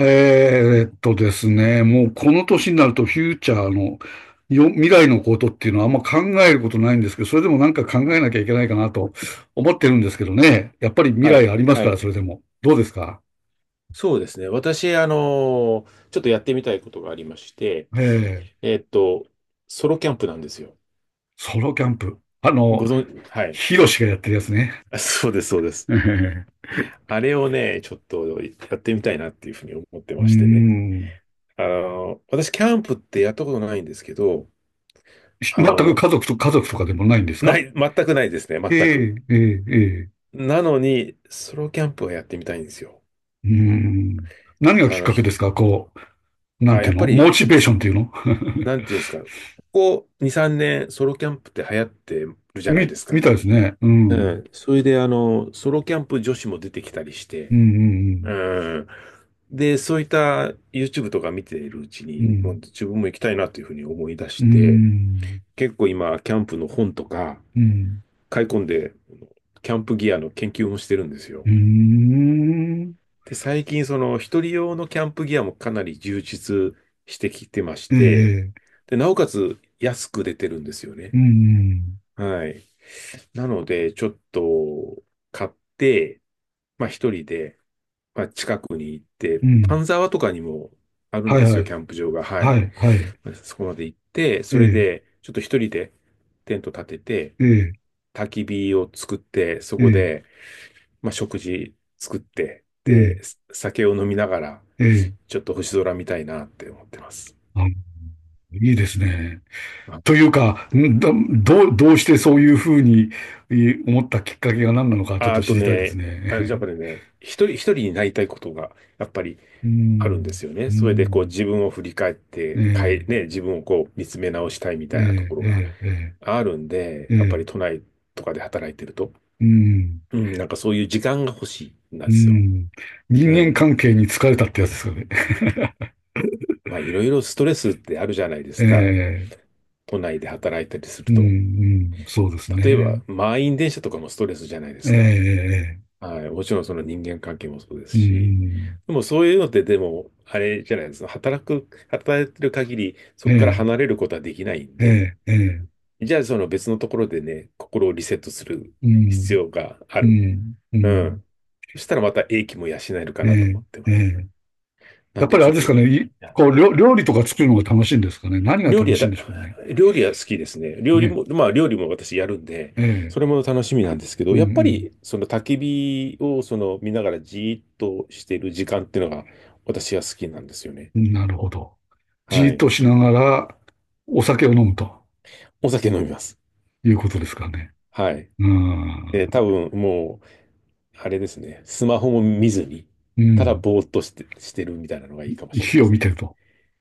ですね、もうこの年になるとフューチャーの未来のことっていうのはあんま考えることないんですけど、それでもなんか考えなきゃいけないかなと思ってるんですけどね。やっぱり未は来い。ありますはから、い。それでも。どうですか？そうですね。私、ちょっとやってみたいことがありまして、えー、えっと、ソロキャンプなんですよ。ソロキャンプ。あの、はい。ヒロシがやってるやつね。あ、そうです、そうで す。えーあれをね、ちょっとやってみたいなっていうふうに思ってうーましてね。ん。私、キャンプってやったことないんですけど、あ全くの家族と、かでもないんですなか？い、全くないですね、え全く。えええええ。なのに、ソロキャンプはやってみたいんですよ。うーん。何があきっの、かけひですか？こう、なんあ、てやいっうぱの、モり、チベーションっていうの。 な んていうんですか、ここ2、3年、ソロキャンプって流行ってるじゃないですみか。たいですね。ううん。ん。それで、あの、ソロキャンプ女子も出てきたりしうて、ん、ううんん。で、そういった YouTube とか見ているうちうに、もうん、自分も行きたいなというふうに思い出しうん。うて、ん、結構今、キャンプの本とかうん、買い込んで、キャンプギアの研究もしてるんですよ。うん。うーん。で、最近、その、一人用のキャンプギアもかなり充実してきてましえて、え、で、なおかつ安く出てるんですようね。ん、はい。なので、ちょっと買って、まあ一人で、まあ、近くに行って、うん。うん。丹沢とかにもあるんはいですはよ、い。キャンプ場が。はい。はい、はい。まあそこまで行って、えそれえ、で、ちょっと一人でテント立てて、ええ、焚き火を作って、そえこえ、で、まあ、食事作って、ええ、で、酒を飲みながら、ええ。ちょっと星空見たいなって思ってます。あ、いいですね。あ、というか、どうしてそういうふうに思ったきっかけが何なのかちょっあとあ、知とりたいですね、あ、じゃあやっね。ぱりね、一人になりたいことが、やっぱり うあるんでん、すようね。それでこうん。自分を振り返っえて、え、ね、自分をこう見つめ直したいみえたいなところがえ、ええ、あるんえで、え、やっぱええ、り都内とかで働いてると、うん。うん、なんかそういう時間が欲しいんうですよ。ん。人う間ん。関係に疲れたってやつですよね。まあいろいろストレスってあるじゃないでえすか。え、都内で働いたりすうるん、と。うん、そうです例えばね。満員電車とかもストレスじゃないでえすか。え、えはい。もちろんその人間関係もそうですえ、うし。ん、でもそういうのってでも、あれじゃないですか。働いてる限り、うそんこからえ離れることはできないんえ、で、ええ、ええ、じゃあ、その別のところでね、心をリセットするう必ん、要があうる。ん、ううん、ん。そしたらまた英気も養えるかえなとえ、思ってえます。え。なやっんぱでりあちれょっですとね、かね、いいや、こう、料料理とか作るのが楽しいんですかね。何が料理楽はしいんだ、でしょうね。料理は好きですね。料理ね、も、まあ料理も私やるんで、ええ、それも楽しみなんですけうど、やっぱん、りその焚き火をその見ながらじーっとしている時間っていうのが私は好きなんですよね。うん、なるほど。じはーっい。としながらお酒を飲むとお酒飲みます。いうことですかね。はい。うで、多ん、分もあれですね。スマホも見ずに、うただん、ぼーっとして、してるみたいなのがいいかもしれない火でをす見てね。ると。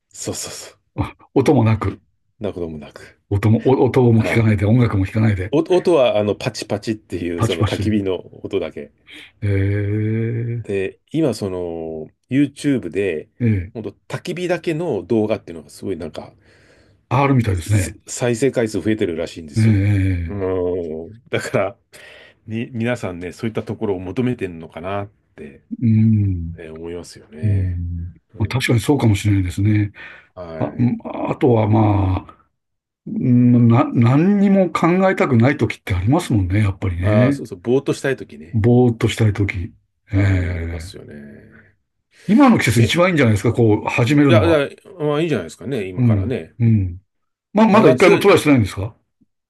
そうそうそ 音もなく、う。なこともなく。お音も聞はかない。いで、音楽も聞かないで、お音は、あの、パチパチっていう、パそチのパチ焚といきう。火の音だけ。えで、今、その、YouTube で、えほんええ と焚き火だけの動画っていうのがすごいなんか、R みたいですね。再生回数増えてるらしいんですよ。ええうーん。だから、皆さんね、そういったところを求めてんのかなって、うん、思いますようね。ん。うまあ確ん。かにそうかもしれないですね。はあ、い。あとはまあ、何にも考えたくない時ってありますもんね、やっぱりああ、そね。うそう、ぼーっとしたいときね。ぼーっとしたい時。えはい、ありまえ。すよね。今の季節え、一番いいんじゃないですか、こう、始めるいのや、いは。や、まあいいんじゃないですかね、う今からん、ね。うん。ま真だ一夏回もよトり、ライしてないんですか？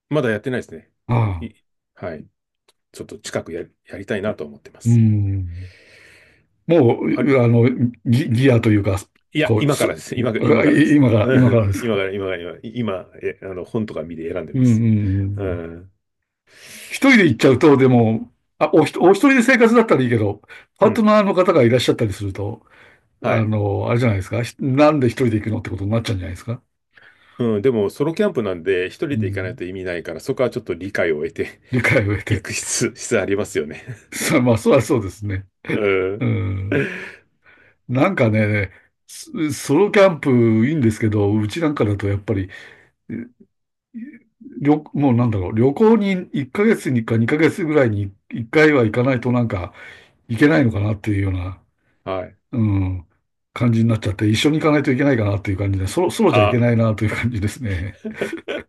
まだやってないですね。ああ、い、はい。ちょっと近くや、やりたいなと思ってまうす。ん。もあれ、う、あの、ギアというか、いや、こう、今す、からです。今、今あからでいす。今 から、うん、です今か？から、今から、今、今、え、あの、本とか見で選んでうんまうす。うんうん。ん。一人で行っちゃうと、でも、あ、おひと、お一人で生活だったらいいけど、パうートん。ナーの方がいらっしゃったりすると、はい。あれじゃないですか。なんで一人で行くのってことになっちゃうんじゃないですか？うん。でも、ソロキャンプなんで、一人うで行かないん。と意味ないから、そこはちょっと理解を得て、理解を得 行て。く必、必要ありますよね。まあ、そりゃそうですね。ううん。ん。なんかね、ソロキャンプいいんですけど、うちなんかだとやっぱり、もうなんだろう、旅行に1ヶ月にか2ヶ月ぐらいに1回は行かないとなんか行けないのかなっていうような、はい。うん、感じになっちゃって、一緒に行かないといけないかなっていう感じで、そうじゃいけあ、ないなという感じですね。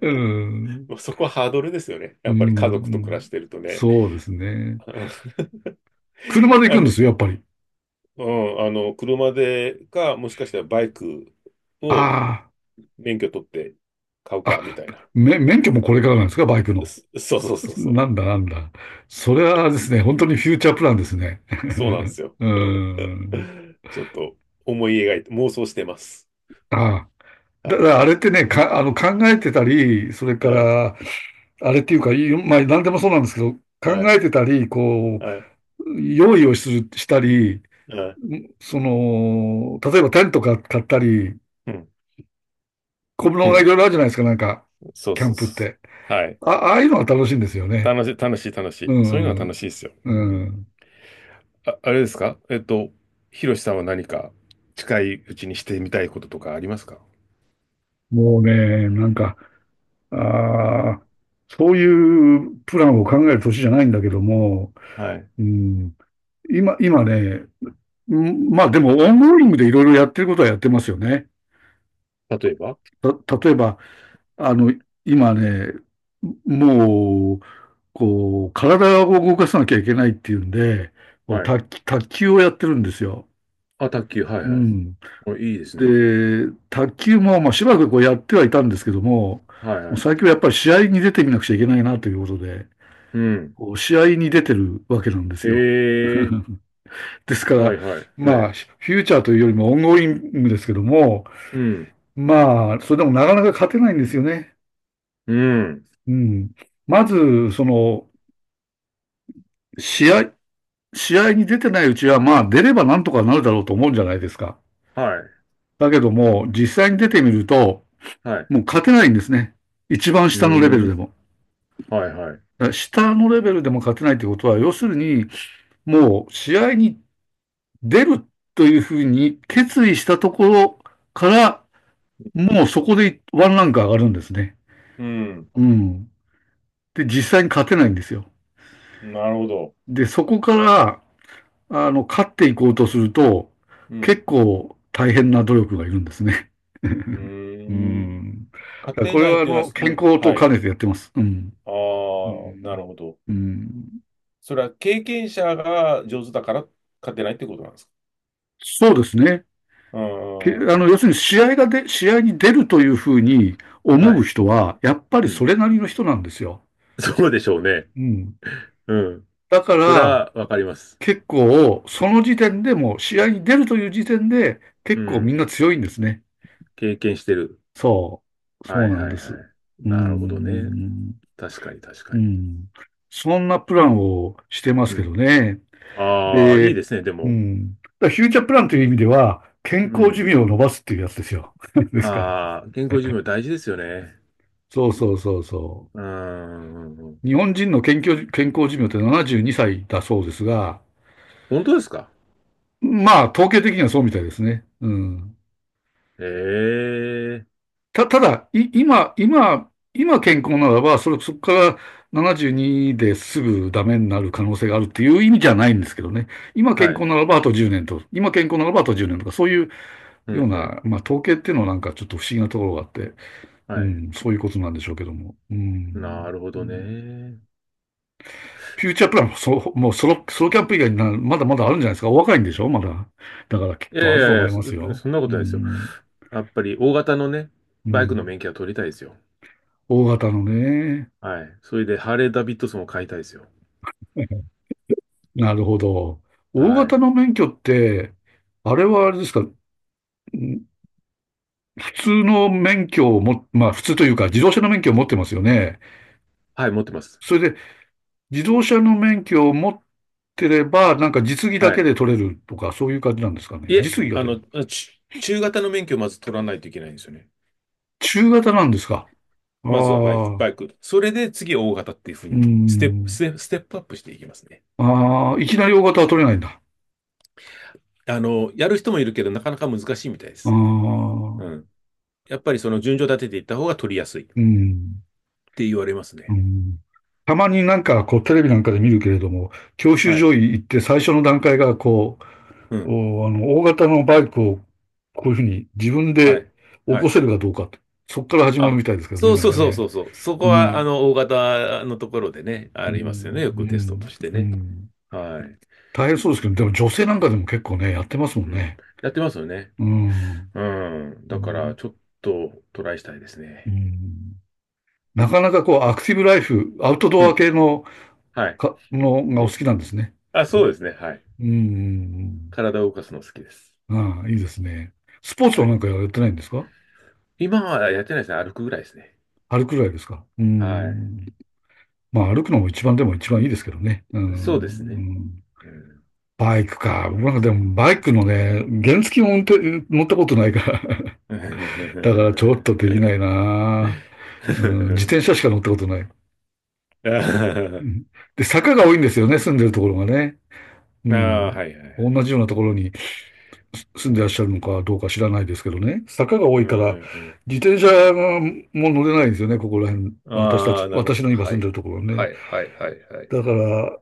うん、もうそこはハードルですよね。うやん、っうぱり家族と暮らしんてるとね。そうですね。車で行あくんでの、すよ、やっぱり。うん、あの、車でか、もしかしたらバイクをあ免許取って買うあ、か、あ、みたいな。免許もこれからなんですか、バイクの。す そうそうそうそう。なんだなんだ。それはですね、本当にフューチャープランですね。そうなんで すよ。う うん。ん、ちょっと思い描いて、妄想してます。ああ。はだかい。らあれってね、か、あの、考えてたり、それはかい。ら、あれっていうか、まあ、何でもそうなんですけど、は考い。えてたり、こはい。う、用意をする、したり、はい、その、例えばテントか買ったり、うん。小う物がいん。ろいろあるじゃないですか、なんか、そうキャそンうプっそて。う。はい。あ、ああいうのが楽しいんですよね。楽しい、楽しい、楽しうい。そういうのは楽ん、しいですよ。ううん。ん。あ、あれですか、ひろしさんは何か近いうちにしてみたいこととかありますか？もうね、なんか、ああ、そういうプランを考える年じゃないんだけども、はい。うん、今ね、うんまあでも、オンゴーリングでいろいろやってることはやってますよね。例えば。例えば、あの、今ね、もう、こう、体を動かさなきゃいけないっていうんで、こはうい。卓球をやってるんですよ。あ、卓球、はいうはい。ん。お、いいですね。で、卓球も、まあ、しばらくこうやってはいたんですけども、はいもうは最近い。はやっぱり試合に出てみなくちゃいけないなということで、うん。こう試合に出てるわけなんですよ。ええ、ですかはら、いはい。まはあ、い。フューチャーというよりもオンゴーリングですけども、うん。まあ、それでもなかなか勝てないんですよね。うん。うん。まず、その、試合、試合に出てないうちは、まあ、出ればなんとかなるだろうと思うんじゃないですか。はい。だけども、実際に出てみると、はい。もう勝てないんですね。一番う下のレベールでん。も。はいはい。だから下のレベルでも勝てないってことは、要するに、もう試合に出るというふうに決意したところから、もうそこでワンランク上がるんですね。うん。うん。で、実際に勝てないんですよ。なるほど。で、そこから、あの、勝っていこうとすると、う結ん。構大変な努力がいるんですね。うーうん。ん。だ家からこ庭れ内っは、あていうのは、の、う健ん。康とは兼い。ねてやってます。うん。ああ、うなん。るほど。うん。それは経験者が上手だから家庭内ってことなんですか？そうですね。うんうけあんの、うん、要するに試合に出るというふうには思うい。人は、やっぱりうそん。れなりの人なんですよ。そうでしょうね。うん。うん。だかそれら、はわかります。結構、その時点でも、試合に出るという時点で、う結構みんん。な強いんですね。経験してる。そう。そはういなんはいはです。い。うなるほどね。ん。確かに確かうに。ん。そんなプランをしてまうすけどん。ね。ああ、いいで、ですね、でうも。ん。だからフューチャープランという意味では、う健康寿ん。命を伸ばすっていうやつですよ。ですから。ああ、健康寿命大事ですよね。そうそうそうそうん。う。日本人の健康寿命って72歳だそうですが、本当ですか？まあ、統計的にはそうみたいですね。うん。ええ、ただ、い、今、今、今健康ならば、そこから72ですぐダメになる可能性があるっていう意味じゃないんですけどね。今健はい。康ならばあと10年と、今健康ならばあと1年とか、そういううようんうん。な、まあ統計っていうのはなんかちょっと不思議なところがあって、うはい。ん、そういうことなんでしょうけども。うなん。るほうどんね。フューチャープランも、そ、もうソロ、ソロキャンプ以外にまだまだあるんじゃないですか。お若いんでしょまだ。だからきっいやいとあるとやい思いや、そ、ますよ。そんなこうとないですよ。ん。やっぱり大型のね、うバイクのん。免許は取りたいですよ。大型のね。はい。それで、ハーレー・ダビッドソンを買いたいですよ。なるほど。大は型い。の免許って、あれはあれですか、普通の免許をも、まあ普通というか自動車の免許を持ってますよね。はい、持ってます。それで自動車の免許を持ってれば、なんか実技だはけい。で取れるとか、そういう感じなんですかいね。え、実技があ取れる。の、中型の免許をまず取らないといけないんですよね。中型なんですか？あまずはバイク、あ、バイク。それで次大型っていうふううに、ん。ステップアップしていきますね。ああ、いきなり大型は取れないんだ。あの、やる人もいるけど、なかなか難しいみたいであす。うあ、ん。やっぱりその順序立てていった方が取りやすいっうん。て言われますうね。ん、たまになんかこうテレビなんかで見るけれども、教習はい。所行って最初の段階がこうう、ん。おあの大型のバイクをこういうふうに自分はでい。起はこい。せるかどうかと、そこから始まるあ、みたいですけどね、そうなんそうかそうそね。うそう。そこうは、あん、の、大型のところでね、うありますよね。ん、ようくテストとん、してうね。ん。はい。大変そうですけど、でも女性なんかでも結構ね、やってますもんうん。ね。やってますよね。うん、うん。うだから、ん、ちょっとトライしたいですうね。ん。なかなかこうアクティブライフ、アウトうドアん。系の、はい。のがうお好きん、なんですね。あ、そうですね。はい。うん、うん、うん。体を動かすの好きです。ああ、いいですね。スポーツははなんい。かやってないんですか？今はやってないですね。歩くぐらいですね。歩くぐらいですか、うーはい。ん。まあ歩くのも一番いいですけどね。うーん。うそうですね。んうん。バイクか。僕なんかでもバイクのね、原付も乗ったことないから。だからちょっとできないな。うん、自転車しか乗ったことない。うんで、坂が多いんですよね、住んでるところがね。うああ、ん。はいはいはい。同じようなうとこん。ろに住うんでらっしん。ゃるのかどうか知らないですけどね、坂が多ういから、ん。自転車がもう乗れないんですよね、ここら辺。うん。私たああち、ー、なる私ほのど。今は住んでい。るところははね。いはいはいはいだかはい。ら、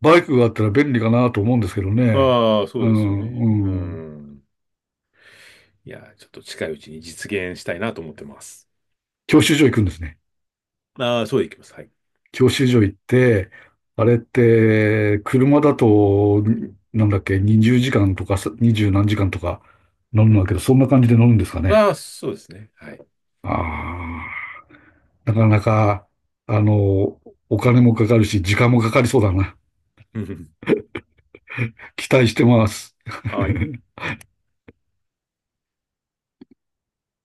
バイクがあったら便利かなと思うんですけどね。ああ、うそうですよね。うん、うん。ん。いやー、ちょっと近いうちに実現したいなと思ってます。教習所行くんですね。ああ、そうでいきます。はい。教習所行って、あれって、車だと、なんだっけ、20時間とか、20何時間とか乗るんうだん。けど、そんな感じで乗るんですかね。ああ、そうですね。はい。ああ。なかなか、あの、お金もかかるし、時間もかかりそうだな。うんうん、期待してます。ああ、